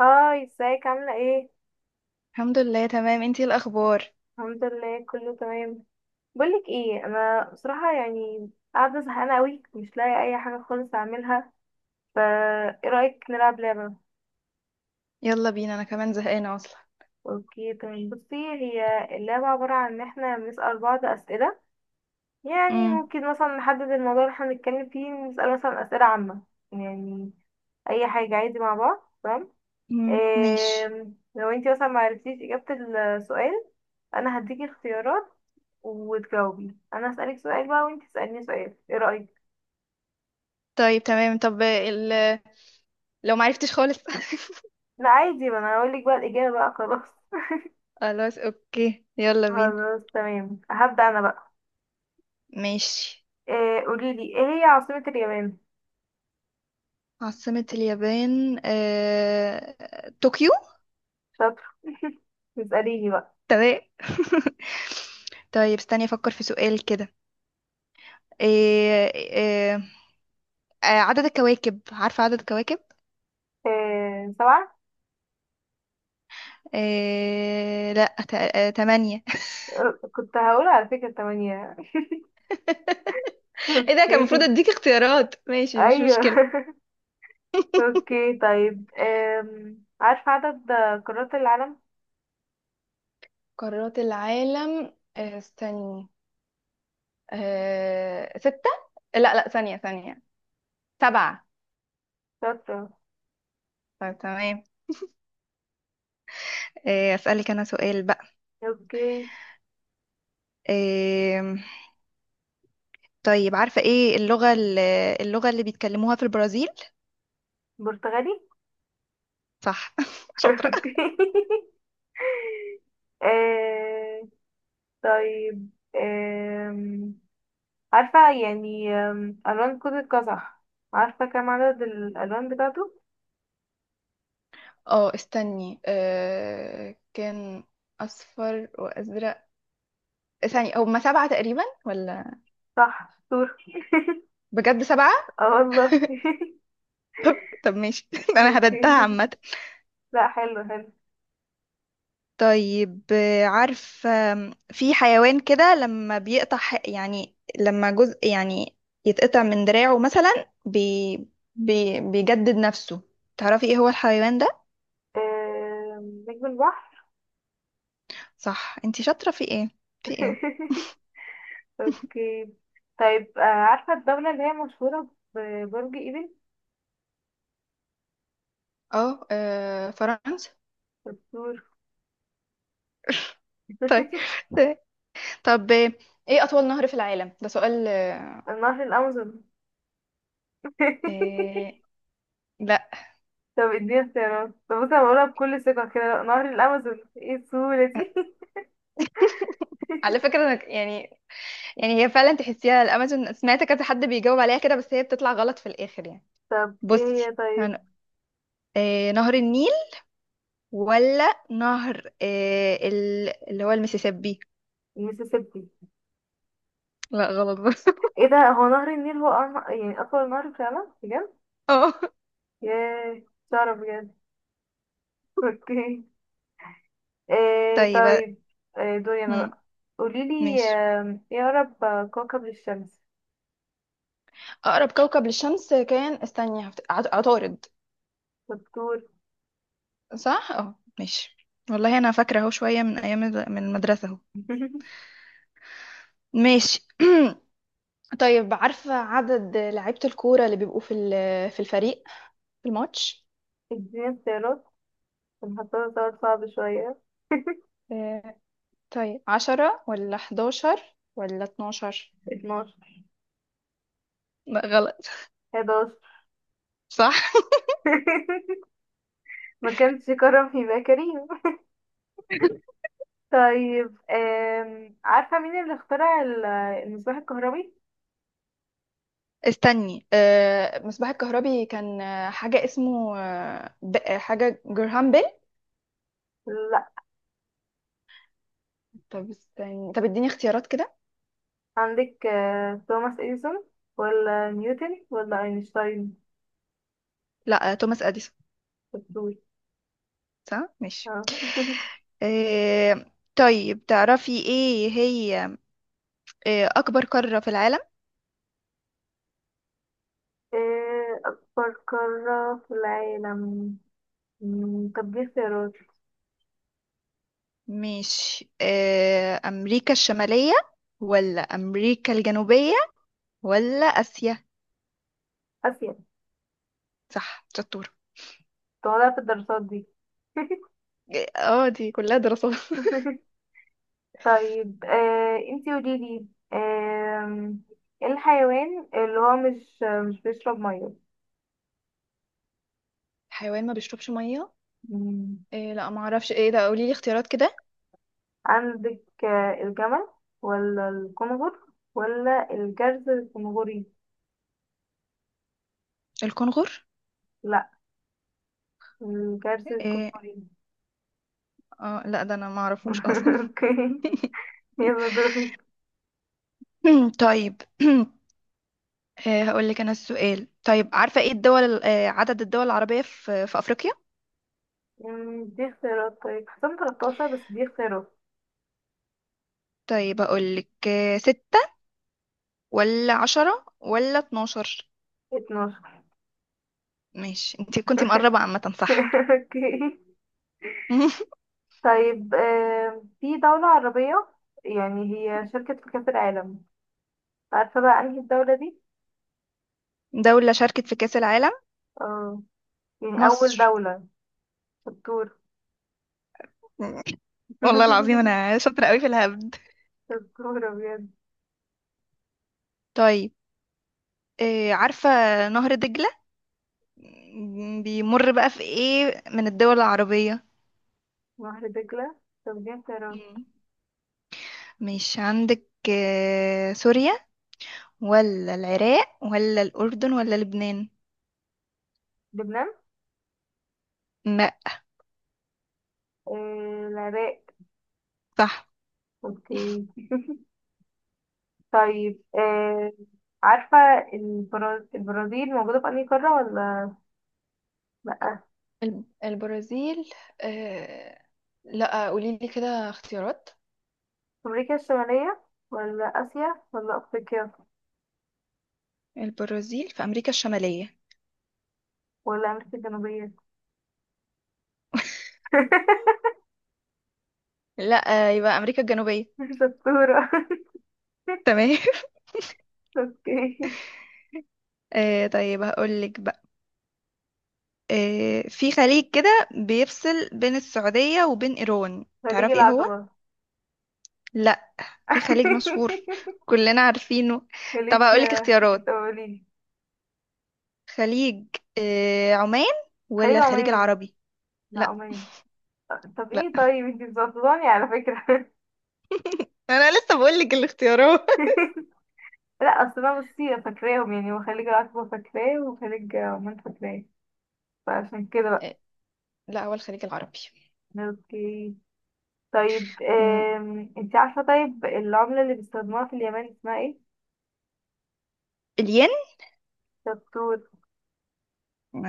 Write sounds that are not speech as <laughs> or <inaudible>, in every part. هاي ازيك عاملة ايه؟ الحمد لله، تمام. انتي ايه الاخبار؟ الحمد لله كله تمام. بقولك ايه، انا بصراحة يعني قاعدة زهقانة اوي، مش لاقي اي حاجة خالص اعملها. فا ايه رأيك نلعب لعبة؟ يلا بينا، انا كمان زهقانه اصلا. اوكي تمام. بصي، هي اللعبة عبارة عن ان احنا بنسأل بعض اسئلة. يعني امم. ممكن مثلا نحدد الموضوع اللي احنا بنتكلم فيه، نسأل مثلا اسئلة عامة. يعني اي حاجة عادي مع بعض، تمام؟ امم، إيه، ماشي. لو انتي مثلا معرفتيش اجابة السؤال، انا هديكي اختيارات وتجاوبي. انا هسألك سؤال بقى وانت تسأليني سؤال، ايه رأيك؟ طيب تمام. طب، لو معرفتش خالص. لا عادي، ما انا هقول لك بقى الإجابة بقى، خلاص. <laughs> <laughs> خلاص، اوكي، يلا بينا. خلاص تمام، هبدأ انا بقى. ماشي. إيه، قولي لي ايه هي عاصمة اليابان. عاصمة اليابان، طوكيو شاطر. <laughs> اسأليني بقى. تمام. <laughs> طيب، استني افكر في سؤال كده. آه... آه... عدد الكواكب، عارفة عدد الكواكب؟ إيه، سبعة. لا تمانية كنت هقول على فكرة تمانية. <laughs> <laughs> ايه ده، كان المفروض اوكي. اديك اختيارات، ماشي، مش ايوه. مشكلة. <laughs> اوكي طيب، عارفة عدد قارات العالم؟ قارات العالم، استني ستة لا لا، ثانية ثانية، سبعة. شاطرة. طيب تمام. إيه، اسألك انا سؤال بقى. اوكي، إيه، طيب عارفة ايه اللغة اللي بيتكلموها في البرازيل؟ برتغالي. صح. <laughs> <laughs> شاطرة. اوكي. <laughs> آه، طيب، آم، عارفة يعني ألوان كود القزح، عارفة كم عدد الألوان بتاعته؟ اه، استني. كان أصفر وأزرق. ثانية، هما سبعة تقريبا ولا؟ صح، شطور. بجد سبعة. اه والله. <laughs> طب ماشي. <laughs> انا هبدها اوكي. عامة. لا حلو حلو. طيب، عارف في حيوان كده لما بيقطع، يعني لما جزء يعني يتقطع من دراعه مثلا، بي بي بيجدد نفسه. تعرفي ايه هو الحيوان ده؟ نجم البحر. صح، انتي شاطرة في ايه، في ايه؟ <laughs> اوكي. طيب، عارفة الدولة اللي هي مشهورة ببرج ايفل؟ اه، فرنسا شطور. طيب. <laughs> طب، ايه اطول نهر في العالم؟ ده سؤال. <laughs> نهر الأمازون. آه، <laughs> لا طب اديني اختيارات. طب بص، انا بقولها بكل ثقة كده نهر الأمازون، ايه السهولة دي؟ <laughs> على فكرة، أنا يعني هي فعلا تحسيها الامازون، سمعت كذا حد بيجاوب عليها كده بس هي بتطلع غلط في الاخر يعني. طب ايه بصي. هي طيب؟ هن- نهر النيل ولا نهر، اللي هو المسيسيبي؟ المسيسيبي؟ لا، غلط برضه. ايه ده، هو نهر النيل هو يعني أطول نهر في العالم بجد؟ <laughs> اه. ياه، مش أعرف بجد. <laughs> اوكي. إيه طيب. طيب، إيه دوري أنا مم. بقى. قوليلي ماشي. ايه أقرب كوكب للشمس. أقرب كوكب للشمس كان، استني، عطارد دكتور. صح؟ اه، ماشي. والله أنا فاكرة أهو شوية من أيام من المدرسة أهو. <laughs> ماشي. <clears throat> طيب، عارفة عدد لعيبة الكورة اللي بيبقوا في الفريق، في الماتش؟ اديني اختيارات، هنحطها سؤال صعب شوية. <laughs> آه، طيب عشرة ولا حداشر ولا اتناشر؟ 12. لا، غلط. 11. صح. <laughs> ما كانش كرم يبقى كريم. <laughs> طيب عارفة مين اللي اخترع المصباح الكهربي؟ استني، مصباح الكهربي كان، حاجة اسمه، حاجة جرهام بيل. لا. طب استني، طب اديني اختيارات كده. عندك توماس اديسون، ولا نيوتن، ولا اينشتاين؟ لا، توماس اديسون. الدول. صح، ماشي. آه. <laughs> آه، طيب تعرفي ايه هي اكبر قارة في العالم؟ اكبر قارة في العالم؟ طب دي اختيارات. مش امريكا الشمالية ولا امريكا الجنوبية ولا اسيا؟ اسيا. صح، شطور. طالعة في الدراسات دي. اه. دي كلها دراسات. <laughs> <laughs> طيب، انتي قوليلي آم، ايه الحيوان اللي هو مش بيشرب حيوان ما بيشربش مية؟ ميه؟ إيه، لا، ما اعرفش. ايه ده، قولي لي اختيارات كده. عندك الجمل، ولا الكنغر، ولا الجرز الكنغري؟ الكنغر. لا الجرز إيه؟ الكنغري. اه، لا ده انا ما اعرفوش اصلا. <laughs> اوكي. يلا <laughs> دوري. طيب. <clears throat> هقول لك انا السؤال. طيب، عارفة ايه الدول ال- آه، عدد الدول العربية في افريقيا؟ دي اختيارات؟ طيب حسام 13، بس دي اختيارات. طيب هقول لك، ستة ولا عشرة ولا اتناشر؟ 12. ماشي، انت كنت مقربة عامة صح. <laughs> اوكي. <laughs> طيب في دولة عربية يعني هي شاركت في كأس العالم، عارفة بقى انهي الدولة دي؟ دولة شاركت في كأس العالم. اه، يعني أول مصر. دولة. شطور. <laughs> والله العظيم <laughs> انا شاطرة قوي في الهبد. شطورة بجد. طيب، عارفة نهر دجلة بيمر بقى في ايه من الدول العربية؟ نهر دجلة؟ طب دي اختيارات. مم. مش عندك سوريا ولا العراق ولا الأردن ولا لبنان؟ لبنان. لا. العراق. صح. اوكي. <laughs> طيب، عارفة البرازيل موجودة في أنهي قارة، ولا لأ؟ البرازيل. آه... لا قولي لي كده اختيارات. أمريكا الشمالية، ولا آسيا، ولا أفريقيا، البرازيل في أمريكا الشمالية؟ ولا أمريكا الجنوبية؟ <laughs> <laughs> لا، يبقى أمريكا الجنوبية. شطورة. <laughs> تمام. <laughs> اوكي. طيب هقولك بقى، في خليج كده بيفصل بين السعودية وبين إيران، خليج تعرفي ايه هو؟ العقبة. لا. في خليج مشهور، <laughs> كلنا عارفينه. طب خليج. هقولك انت اختيارات. قوليلي. خليج، عمان خليج ولا الخليج عمان، العربي؟ لا لا. عمان. طب لا، ايه، طيب انتي مظبطاني على فكرة. انا لسه بقول لك الاختيارات. <laughs> لا اصل انا بصي فاكراهم يعني، وخليج العقبة فاكراه وخليج عمان فاكراه، فعشان كده <laughs> آه، بقى. لا هو الخليج العربي. اوكي. طيب م، انت عارفة طيب العملة اللي بيستخدموها في اليمن اسمها ايه؟ الين شطور.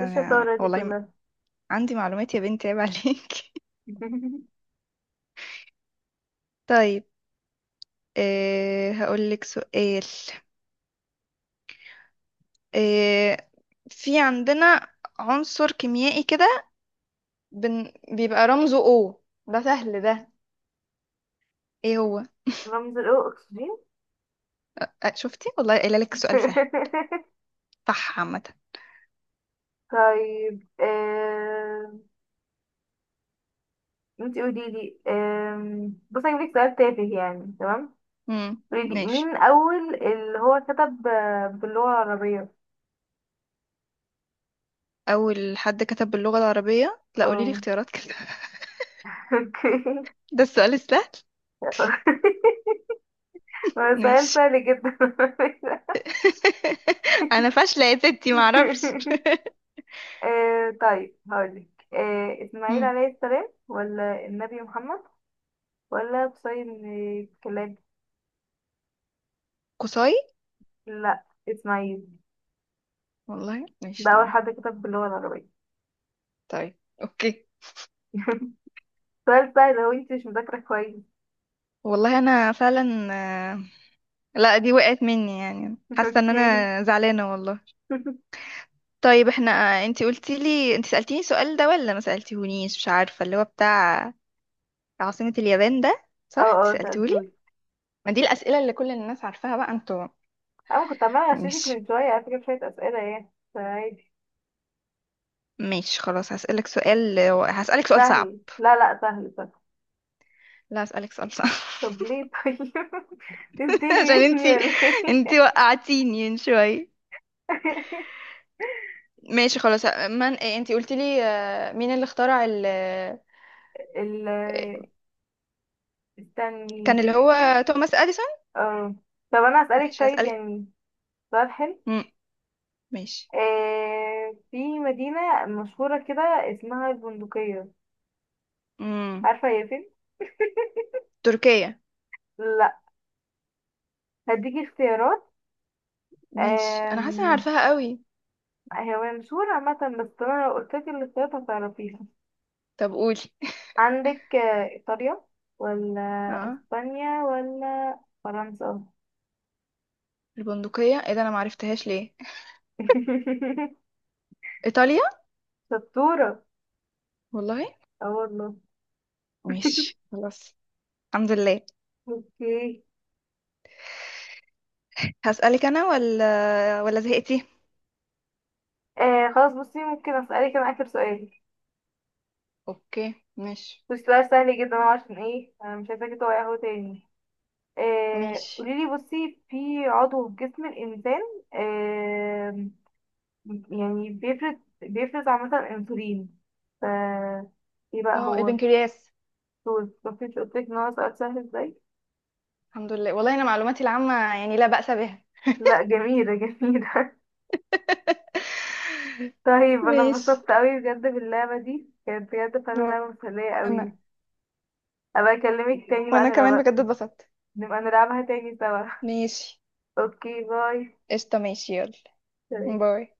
ايه الشطارة دي والله، كلها؟ عندي معلومات، يا بنتي عيب عليك. <laughs> <laughs> طيب، هقول لك سؤال. أه في عندنا عنصر كيميائي كده، بيبقى رمزه O، ده سهل ده، ايه هو؟ رمز الاو اكسجين. شفتي والله قايله لك سؤال سهل. <laughs> صح عامه. طيب انت قولي لي. بصي هجيب لك سؤال تافه يعني، تمام؟ امم، قولي لي ماشي. مين أول اللي هو كتب باللغة العربية؟ أول حد كتب باللغة العربية؟ لا، قولي لي اه. اختيارات كده. <laughs> <laughs> ده السؤال السهل. اوكي. <laughs> هو سؤال ماشي. سهل جدا. <laughs> <laughs> أنا فاشلة يا ستي، معرفش. <laughs> آه طيب هقولك، آه، إسماعيل مم. عليه السلام، ولا النبي محمد، ولا قصي بن كلاب؟ قصاي. لا إسماعيل، والله، ماشي ده أول تمام. حد كتب باللغة العربية. طيب. أوكي. <laughs> سؤال سهل، هو انت مش مذاكرة كويس. والله أنا فعلا، آه، لا دي وقعت مني يعني، <laughs> حاسة إن اوكي. أنا زعلانة والله. <laughs> طيب احنا، انتي قلتي لي انتي سألتيني السؤال ده ولا ما سألتيهونيش، مش عارفة اللي هو بتاع عاصمة اليابان ده، اه صح انتي اه سألتيهولي؟ سألتولي. ما دي الأسئلة اللي كل الناس عارفاها بقى انتوا. أنا كنت عمالة أغششك مش. من شوية على فكرة، شوية أسئلة يعني فعادي. ماشي خلاص، هسألك سؤال صعب. سهل، لا لا سهل سهل. لا، هسألك سؤال صعب. طب ليه طيب؟ <laughs> <laughs> عشان تنتني مني انتي ولا ايه؟ انتي وقعتيني من شوية. <laughs> ماشي خلاص. من إيه، انتي قلتي لي، مين اللي اخترع ال آه، ال- استني. كان اللي هو توماس اديسون. اه. طب انا اسالك ماشي، طيب هسألك. يعني سؤال حلو. مم. ماشي. آه في مدينه مشهوره كده اسمها البندقيه، مم. عارفه هي فين؟ تركيا. لا. هديكي اختيارات. ماشي، انا حاسة انا آم، عارفاها قوي. هي مشهوره عامه، بس انا لو قلت لك الاختيارات هتعرفيها. طب قولي. عندك ايطاليا، ولا اه، اسبانيا، ولا فرنسا؟ البندقية، ايه ده انا معرفتهاش ليه. <laughs> ايطاليا. شطوره. والله. اه والله. ماشي خلاص. الحمد لله. اوكي. هسألك انا، ولا زهقتي آه خلاص بصي، ممكن اسالك انا اخر سؤال. اوكي، ماشي. بصي سؤال سهل جدا أهو، عشان ايه انا مش عايزاكي تقعي اهو تاني. آه ماشي. قوليلي بصي، في عضو في جسم الانسان آه يعني بيفرز عامة انسولين، ف ايه بقى اه، هو؟ البنكرياس. طول، مفيش. قلتلك ان هو سؤال سهل ازاي؟ الحمد لله، والله انا معلوماتي العامة يعني لا بأس بها. لا جميلة جميلة. <laughs> <laughs> طيب انا ماشي. اتبسطت اوي بجد، باللعبة دي كانت بجد فعلا لعبة مسلية وانا. اوي. ابقى اكلمك <laughs> تاني بقى وانا كمان بجد اتبسطت. نبقى نلعبها تاني سوا. ماشي. <laughs> اوكي، باي. قشطة، ماشي، يلا. سلام. باي.